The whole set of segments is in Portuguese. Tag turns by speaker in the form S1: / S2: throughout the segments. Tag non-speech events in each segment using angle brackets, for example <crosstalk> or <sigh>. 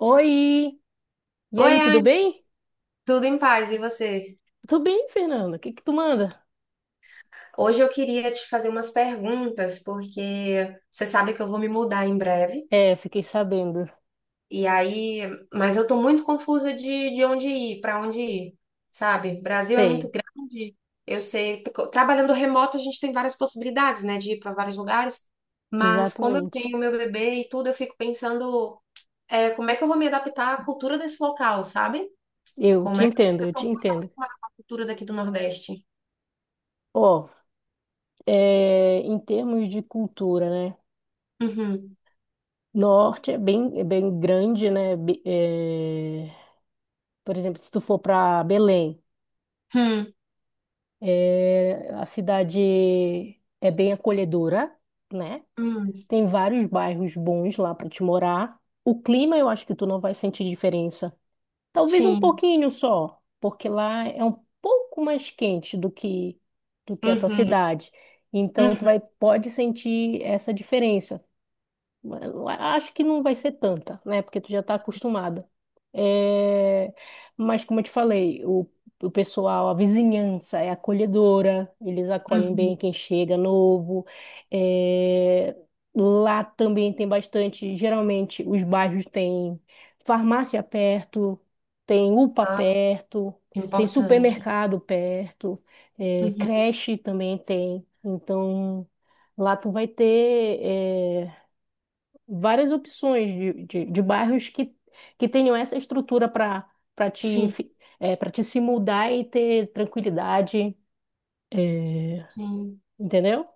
S1: Oi! E
S2: Oi,
S1: aí, tudo
S2: Anne,
S1: bem?
S2: tudo em paz, e você?
S1: Tudo bem, Fernanda? O que que tu manda?
S2: Hoje eu queria te fazer umas perguntas, porque você sabe que eu vou me mudar em breve,
S1: É, fiquei sabendo.
S2: e aí, mas eu tô muito confusa de onde ir, para onde ir, sabe? Brasil é muito
S1: Sei,
S2: grande, eu sei, trabalhando remoto a gente tem várias possibilidades, né, de ir para vários lugares, mas como eu
S1: exatamente.
S2: tenho meu bebê e tudo, eu fico pensando, como é que eu vou me adaptar à cultura desse local, sabe?
S1: Eu
S2: Como
S1: te
S2: é que
S1: entendo,
S2: eu
S1: eu
S2: tô
S1: te
S2: muito
S1: entendo.
S2: acostumada com a cultura daqui do Nordeste.
S1: Ó, em termos de cultura, né?
S2: Uhum.
S1: Norte é bem grande, né? Por exemplo, se tu for para Belém, a cidade é bem acolhedora, né?
S2: Hum,
S1: Tem vários bairros bons lá para te morar. O clima, eu acho que tu não vai sentir diferença. Talvez um
S2: sim.
S1: pouquinho só, porque lá é um pouco mais quente do que a tua
S2: Uhum,
S1: cidade. Então tu
S2: uhum,
S1: vai pode sentir essa diferença. Eu acho que não vai ser tanta, né? Porque tu já tá acostumada. É, mas como eu te falei, o pessoal, a vizinhança é acolhedora, eles acolhem bem
S2: uhum.
S1: quem chega novo. É, lá também tem bastante, geralmente os bairros têm farmácia perto, tem UPA
S2: Ah,
S1: perto, tem
S2: importante.
S1: supermercado perto,
S2: Uhum.
S1: creche também tem. Então, lá tu vai ter. Várias opções de bairros que tenham essa estrutura para para te,
S2: Sim,
S1: para te se mudar e ter tranquilidade, é,
S2: sim.
S1: entendeu?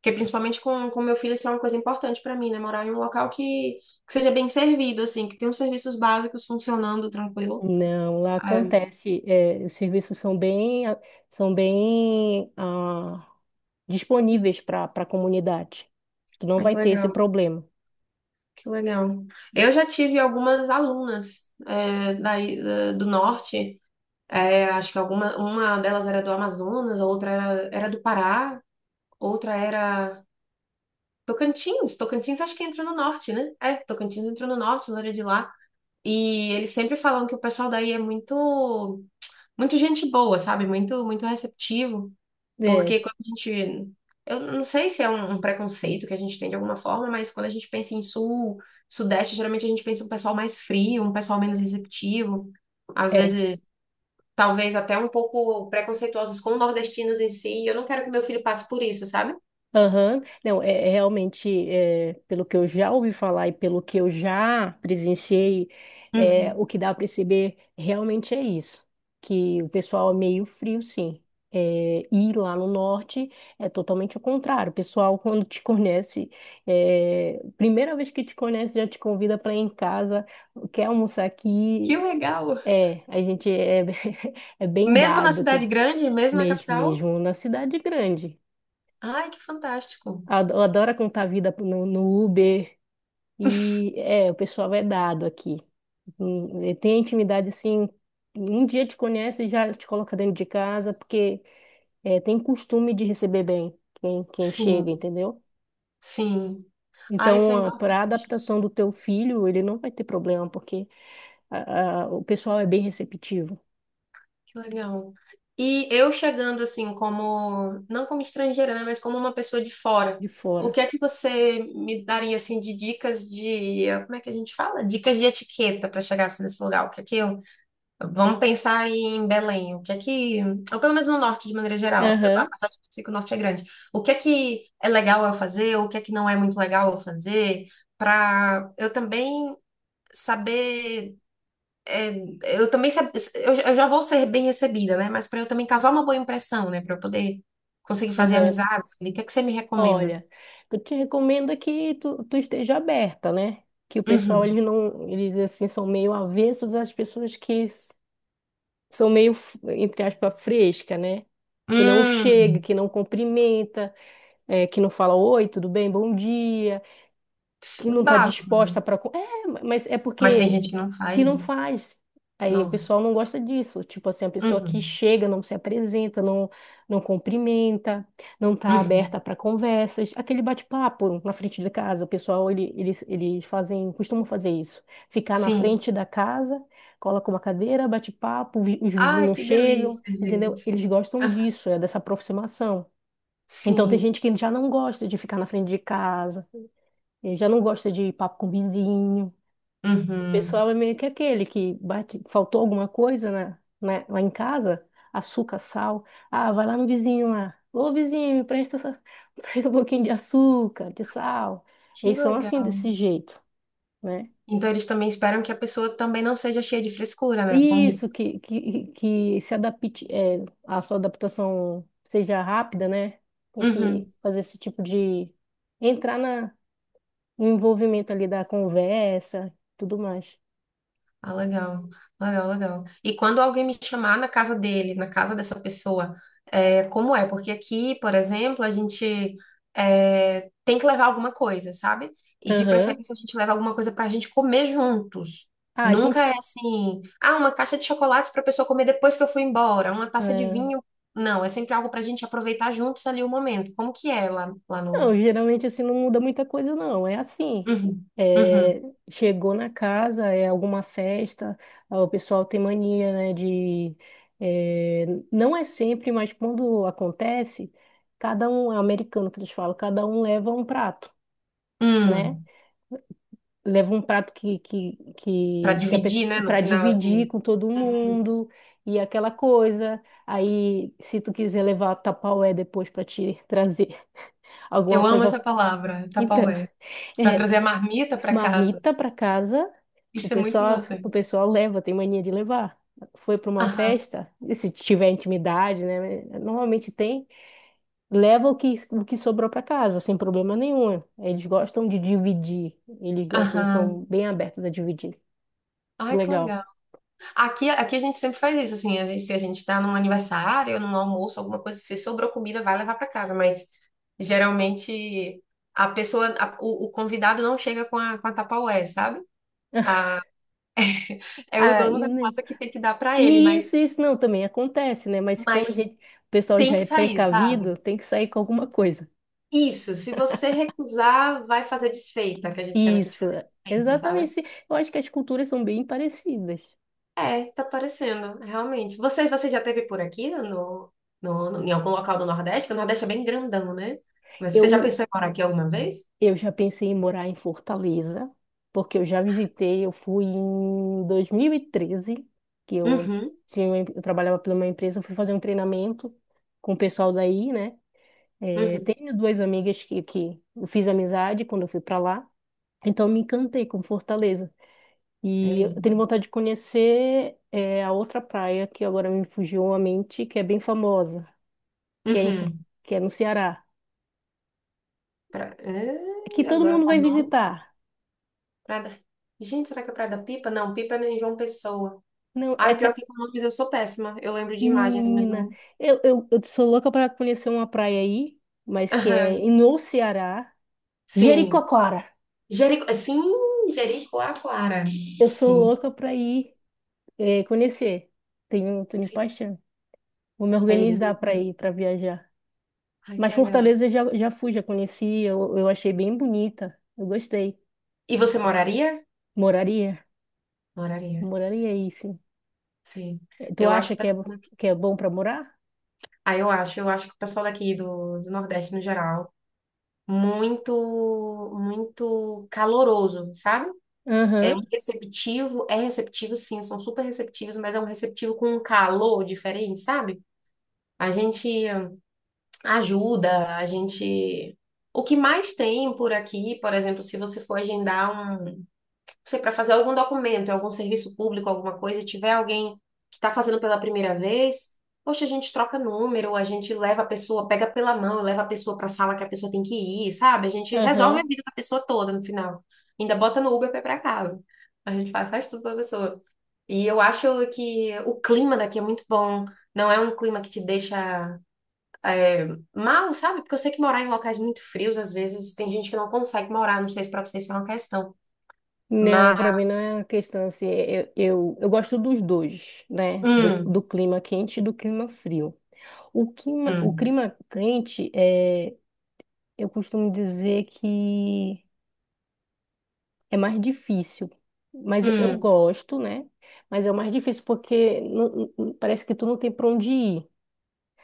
S2: Porque principalmente com meu filho, isso é uma coisa importante para mim, né? Morar em um local que seja bem servido, assim, que tenha os serviços básicos funcionando tranquilo.
S1: Não, lá
S2: Ai,
S1: acontece, os serviços são bem, são bem disponíveis para para a comunidade. Tu não
S2: ai,
S1: vai
S2: que
S1: ter esse
S2: legal,
S1: problema.
S2: que legal. Eu já tive algumas alunas daí, do norte, acho que alguma, uma delas era do Amazonas, a outra era do Pará, outra era. Tocantins, Tocantins acho que entra no norte, né? É, Tocantins entra no norte, na área de lá. E eles sempre falam que o pessoal daí é muito, muito gente boa, sabe? Muito, muito receptivo.
S1: É,
S2: Porque quando a gente, eu não sei se é um preconceito que a gente tem de alguma forma, mas quando a gente pensa em sul, sudeste, geralmente a gente pensa em um pessoal mais frio, um pessoal menos receptivo. Às
S1: é.
S2: vezes, talvez até um pouco preconceituosos com nordestinos em si. E eu não quero que meu filho passe por isso, sabe?
S1: Aham, não, é realmente, pelo que eu já ouvi falar e pelo que eu já presenciei,
S2: Uhum.
S1: o que dá para perceber realmente é isso, que o pessoal é meio frio, sim. É, e lá no norte é totalmente o contrário. O pessoal, quando te conhece, primeira vez que te conhece, já te convida para ir em casa, quer almoçar
S2: Que
S1: aqui.
S2: legal!
S1: É, a gente é, <laughs> é bem
S2: Mesmo na
S1: dado
S2: cidade grande, mesmo na
S1: mesmo,
S2: capital?
S1: mesmo na cidade grande.
S2: Ai, que fantástico.
S1: Adora contar a vida no, no Uber. E é, o pessoal é dado aqui. E tem intimidade assim. Um dia te conhece e já te coloca dentro de casa, porque tem costume de receber bem quem, quem chega,
S2: Sim,
S1: entendeu?
S2: sim. Ah, isso é
S1: Então, para a
S2: importante.
S1: adaptação do teu filho, ele não vai ter problema, porque o pessoal é bem receptivo
S2: Que legal. E eu chegando assim, como, não como estrangeira, né, mas como uma pessoa de fora,
S1: de
S2: o
S1: fora.
S2: que é que você me daria assim de dicas de, como é que a gente fala? Dicas de etiqueta para chegar assim, nesse lugar? O que é que eu. Vamos pensar aí em Belém. O que é que, ou pelo menos no norte de maneira geral,
S1: Aham,
S2: apesar de eu sei que o norte é grande. O que é legal eu fazer? O que é que não é muito legal eu fazer? Para eu também saber, eu também eu já vou ser bem recebida, né? Mas para eu também causar uma boa impressão, né? Para eu poder conseguir fazer
S1: aham.
S2: amizades. O que é que você me recomenda?
S1: Olha, eu te recomendo é que tu esteja aberta, né? Que o pessoal,
S2: Uhum.
S1: eles não, eles assim, são meio avessos às pessoas que são meio, entre aspas, fresca, né? Que não chega,
S2: Hum,
S1: que não cumprimenta, que não fala oi, tudo bem, bom dia que
S2: o
S1: não está
S2: básico,
S1: disposta
S2: né?
S1: para. É, mas é
S2: Mas tem
S1: porque
S2: gente que não
S1: que
S2: faz, né?
S1: não faz. Aí o
S2: Nossa.
S1: pessoal não gosta disso. Tipo assim, a pessoa que
S2: Uhum.
S1: chega, não se apresenta, não, não cumprimenta, não está
S2: Uhum.
S1: aberta para conversas. Aquele bate-papo na frente da casa, o pessoal, eles fazem, costumam fazer isso. Ficar na
S2: Sim.
S1: frente da casa, coloca uma cadeira, bate papo, os
S2: Ai,
S1: vizinhos
S2: que
S1: chegam,
S2: delícia,
S1: entendeu?
S2: gente.
S1: Eles gostam disso, é dessa aproximação. Então tem
S2: Sim.
S1: gente que já não gosta de ficar na frente de casa ele já não gosta de papo com vizinho. O
S2: Uhum.
S1: pessoal é meio que aquele que bate, faltou alguma coisa na, lá em casa, açúcar, sal. Ah, vai lá no vizinho lá. Ô, vizinho, me presta, <laughs> presta um pouquinho de açúcar, de sal.
S2: Que
S1: Eles são assim,
S2: legal.
S1: desse jeito, né?
S2: Então eles também esperam que a pessoa também não seja cheia de frescura, né, com
S1: Isso,
S2: isso.
S1: que se adapte, é, a sua adaptação seja rápida, né? Tem que
S2: Uhum.
S1: fazer esse tipo de... Entrar na, no envolvimento ali da conversa, tudo mais.
S2: Ah, legal, legal, legal. E quando alguém me chamar na casa dele, na casa dessa pessoa, é, como é? Porque aqui, por exemplo, a gente tem que levar alguma coisa, sabe? E de
S1: Aham.
S2: preferência a gente leva alguma coisa pra gente comer juntos.
S1: Ah, a
S2: Nunca
S1: gente.
S2: é assim, ah, uma caixa de chocolates pra pessoa comer depois que eu fui embora, uma taça de
S1: Né?
S2: vinho. Não, é sempre algo pra gente aproveitar juntos ali o momento. Como que é lá, lá
S1: Não,
S2: no.
S1: geralmente assim não muda muita coisa, não. É assim.
S2: Uhum, uhum,
S1: É, chegou na casa, é alguma festa, ah, o pessoal tem mania, né, de. é, não é sempre, mas quando acontece, cada um, é americano que eles falam, cada um leva um prato, né?
S2: hum,
S1: Leva um prato que, que,
S2: pra
S1: que,
S2: dividir, né,
S1: que
S2: no
S1: para
S2: final,
S1: dividir
S2: assim.
S1: com todo
S2: Uhum.
S1: mundo e aquela coisa. Aí, se tu quiser levar tapaué depois para te <laughs> trazer alguma
S2: Eu amo essa
S1: coisa.
S2: palavra,
S1: Então,
S2: tapaué.
S1: <laughs>
S2: Pra
S1: é,
S2: trazer a marmita pra casa.
S1: marmita para casa,
S2: Isso é muito
S1: o
S2: importante.
S1: pessoal leva, tem mania de levar. Foi para uma
S2: Aham,
S1: festa, e se tiver intimidade, né? Normalmente tem, leva o que sobrou para casa, sem problema nenhum. Eles gostam de dividir, eles gostam, eles
S2: aham.
S1: são bem abertos a dividir. Isso é
S2: Ai, que
S1: legal.
S2: legal. Aqui a gente sempre faz isso, assim. A gente, se a gente tá num aniversário, num almoço, alguma coisa, se sobrou comida, vai levar pra casa. Mas geralmente a pessoa, o convidado não chega com a, tapaué, sabe? É o
S1: Ah,
S2: dono
S1: e,
S2: da
S1: ne-
S2: casa que tem que dar pra ele,
S1: e
S2: mas,
S1: isso, isso não também acontece, né? Mas como a
S2: mas
S1: gente, o pessoal
S2: tem
S1: já
S2: que
S1: é
S2: sair, sabe?
S1: precavido, tem que sair com alguma coisa.
S2: Isso, se você recusar, vai fazer desfeita, que a gente chama aqui de
S1: Isso,
S2: fazer desfeita, sabe?
S1: exatamente. Eu acho que as culturas são bem parecidas.
S2: É, tá parecendo, realmente. Você já teve por aqui no, em algum local do Nordeste? Porque o Nordeste é bem grandão, né? Mas você já
S1: Eu,
S2: pensou em morar aqui alguma vez?
S1: eu já pensei em morar em Fortaleza, porque eu já visitei, eu fui em 2013 que eu
S2: Uhum,
S1: tinha, eu trabalhava pela uma empresa, eu fui fazer um treinamento com o pessoal daí, né? Eh,
S2: uhum.
S1: tenho duas amigas que eu fiz amizade quando eu fui para lá, então eu me encantei com Fortaleza.
S2: É
S1: E eu tenho
S2: lindo.
S1: vontade de conhecer eh, a outra praia que agora me fugiu a mente, que é bem famosa, que é, em,
S2: Uhum.
S1: que é no Ceará,
S2: Pra,
S1: que todo
S2: agora
S1: mundo
S2: com
S1: vai
S2: o nome.
S1: visitar.
S2: Praia da- Gente, será que é Praia da Pipa? Não, Pipa é em João Pessoa.
S1: Não, é
S2: Ai,
S1: que
S2: pior que com nomes eu sou péssima. Eu lembro de imagens, mas
S1: menina,
S2: não.
S1: eu sou louca para conhecer uma praia aí, mas que é
S2: Aham.
S1: no Ceará,
S2: Sim.
S1: Jericoacoara.
S2: Jerico... Sim, Jericoacoara.
S1: Eu sou
S2: Sim,
S1: louca para ir eh, conhecer. Tenho, tenho
S2: sim.
S1: paixão. Vou me
S2: É lindo
S1: organizar para
S2: demais.
S1: ir, para viajar.
S2: Ai, que
S1: Mas
S2: legal.
S1: Fortaleza eu já, já fui, já conheci, eu achei bem bonita. Eu gostei.
S2: E você moraria?
S1: Moraria?
S2: Moraria,
S1: Moraria aí, sim.
S2: sim.
S1: Eh, tu
S2: Eu acho
S1: acha
S2: o pessoal daqui,
S1: que é bom para morar?
S2: eu acho que o pessoal daqui do Nordeste no geral, muito, muito caloroso, sabe? É
S1: Aham,
S2: um receptivo, é receptivo sim, são super receptivos, mas é um receptivo com um calor diferente, sabe? A gente ajuda, a gente. O que mais tem por aqui, por exemplo, se você for agendar um sei, para fazer algum documento, em algum serviço público, alguma coisa, e tiver alguém que está fazendo pela primeira vez, poxa, a gente troca número, a gente leva a pessoa, pega pela mão, leva a pessoa para a sala que a pessoa tem que ir, sabe? A gente resolve a
S1: aham.
S2: vida da pessoa toda no final. Ainda bota no Uber para ir para casa. A gente faz, tudo para a pessoa. E eu acho que o clima daqui é muito bom. Não é um clima que te deixa é, mal, sabe? Porque eu sei que morar em locais muito frios, às vezes, tem gente que não consegue morar. Não sei se para vocês isso é uma questão.
S1: Não, para
S2: Mas.
S1: mim não é uma questão assim. Eu gosto dos dois, né? Do,
S2: Hum,
S1: do clima quente e do clima frio. O
S2: hum.
S1: clima quente é, eu costumo dizer que é mais difícil, mas eu
S2: Hum,
S1: gosto, né? Mas é o mais difícil porque parece que tu não tem para onde ir.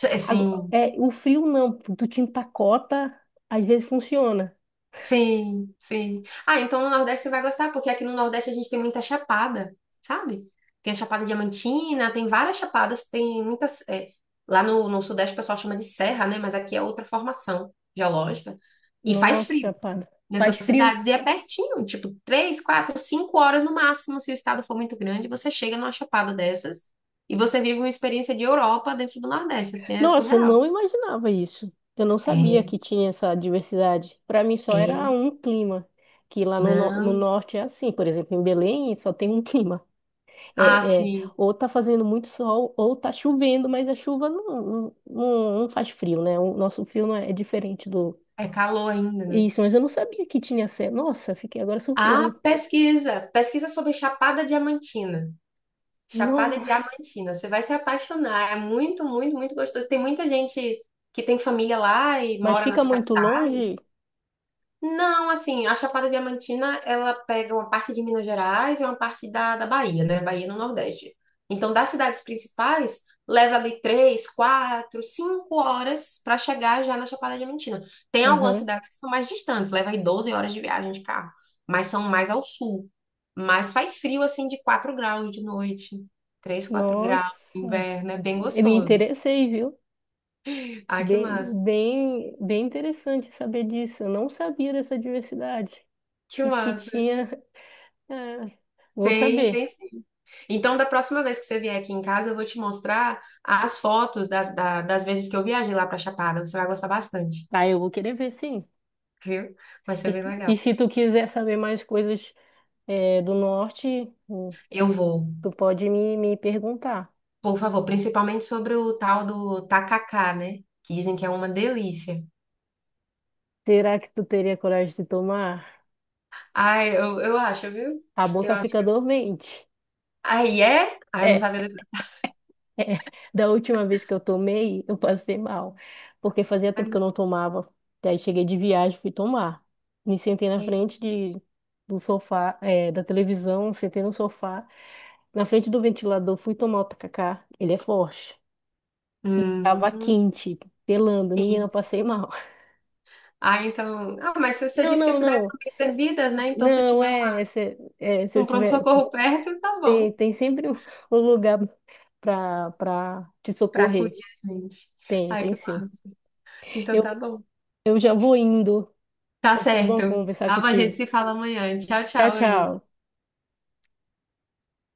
S2: é sim,
S1: É, o frio não, tu te empacota, às vezes funciona.
S2: sim, sim. Ah, então no Nordeste você vai gostar, porque aqui no Nordeste a gente tem muita chapada, sabe? Tem a Chapada Diamantina, tem várias chapadas, tem muitas. Lá no, Sudeste o pessoal chama de serra, né? Mas aqui é outra formação geológica. E faz
S1: Nossa,
S2: frio
S1: rapaz, faz
S2: nessas
S1: frio?
S2: cidades, e é pertinho, tipo, 3, 4, 5 horas no máximo, se o estado for muito grande, você chega numa chapada dessas e você vive uma experiência de Europa dentro do Nordeste, assim, é
S1: Nossa, eu
S2: surreal.
S1: não imaginava isso. Eu não sabia
S2: É,
S1: que tinha essa diversidade. Para mim só era
S2: é.
S1: um clima, que lá no, no
S2: Não.
S1: norte é assim. Por exemplo, em Belém só tem um <laughs> clima.
S2: Ah,
S1: É, é,
S2: sim.
S1: ou tá fazendo muito sol, ou tá chovendo, mas a chuva não, não, não faz frio, né? O nosso frio não é, é diferente do...
S2: É calor ainda, né?
S1: Isso, mas eu não sabia que tinha... Nossa, fiquei agora
S2: Ah,
S1: surpresa.
S2: pesquisa. Pesquisa sobre Chapada Diamantina. Chapada
S1: Nossa!
S2: Diamantina. Você vai se apaixonar. É muito, muito, muito gostoso. Tem muita gente que tem família lá e
S1: Mas
S2: mora
S1: fica
S2: nas
S1: muito
S2: capitais.
S1: longe?
S2: Não, assim, a Chapada Diamantina, ela pega uma parte de Minas Gerais e uma parte da, Bahia, né? Bahia no Nordeste. Então, das cidades principais, leva ali 3, 4, 5 horas para chegar já na Chapada Diamantina. Tem algumas
S1: Aham.
S2: cidades que são mais distantes, leva aí 12 horas de viagem de carro, mas são mais ao sul. Mas faz frio, assim, de 4 graus de noite, 3, 4 graus,
S1: Nossa,
S2: inverno, é bem
S1: eu me
S2: gostoso.
S1: interessei, viu?
S2: Ah, que massa,
S1: Bem, bem, bem interessante saber disso. Eu não sabia dessa diversidade
S2: que
S1: que
S2: massa.
S1: tinha. <laughs> É, vou
S2: Tem,
S1: saber.
S2: tem. Então, da próxima vez que você vier aqui em casa, eu vou te mostrar as fotos das, das vezes que eu viajei lá para Chapada. Você vai gostar bastante,
S1: Ah, eu vou querer ver, sim.
S2: viu? Vai ser bem
S1: E, e
S2: legal.
S1: se tu quiser saber mais coisas, do norte, hum,
S2: Eu vou,
S1: tu pode me, me perguntar.
S2: por favor, principalmente sobre o tal do tacacá, né? Que dizem que é uma delícia.
S1: Será que tu teria coragem de tomar?
S2: Ai, eu acho, viu?
S1: A
S2: Eu
S1: boca
S2: acho.
S1: fica dormente.
S2: Aí é? Ai, eu não sabia
S1: <laughs>
S2: desse.
S1: <laughs> É, da última vez que eu tomei, eu passei mal, porque fazia tempo que eu não tomava. Daí cheguei de viagem, fui tomar. Me sentei na frente de, do sofá, é, da televisão, sentei no sofá, na frente do ventilador, fui tomar o tacacá, ele é forte. E tava
S2: Hum,
S1: quente, pelando, menina,
S2: e-
S1: eu passei mal. <laughs>
S2: Ah, então. Ah, mas você
S1: Não,
S2: disse que as
S1: não,
S2: cidades
S1: não,
S2: são bem servidas, né? Então, se
S1: não,
S2: tiver uma,
S1: é, se eu
S2: um
S1: tiver,
S2: pronto-socorro perto, tá bom.
S1: tem, tem sempre um um lugar pra, pra te
S2: Pra
S1: socorrer.
S2: acudir a gente.
S1: Tem,
S2: Ai,
S1: tem
S2: que
S1: sim.
S2: massa. Então tá
S1: Eu,
S2: bom.
S1: eu já vou indo.
S2: Tá
S1: Foi
S2: certo.
S1: bom conversar
S2: Ah, a gente
S1: contigo.
S2: se fala amanhã. Tchau,
S1: Tchau,
S2: tchau, Anne.
S1: tchau.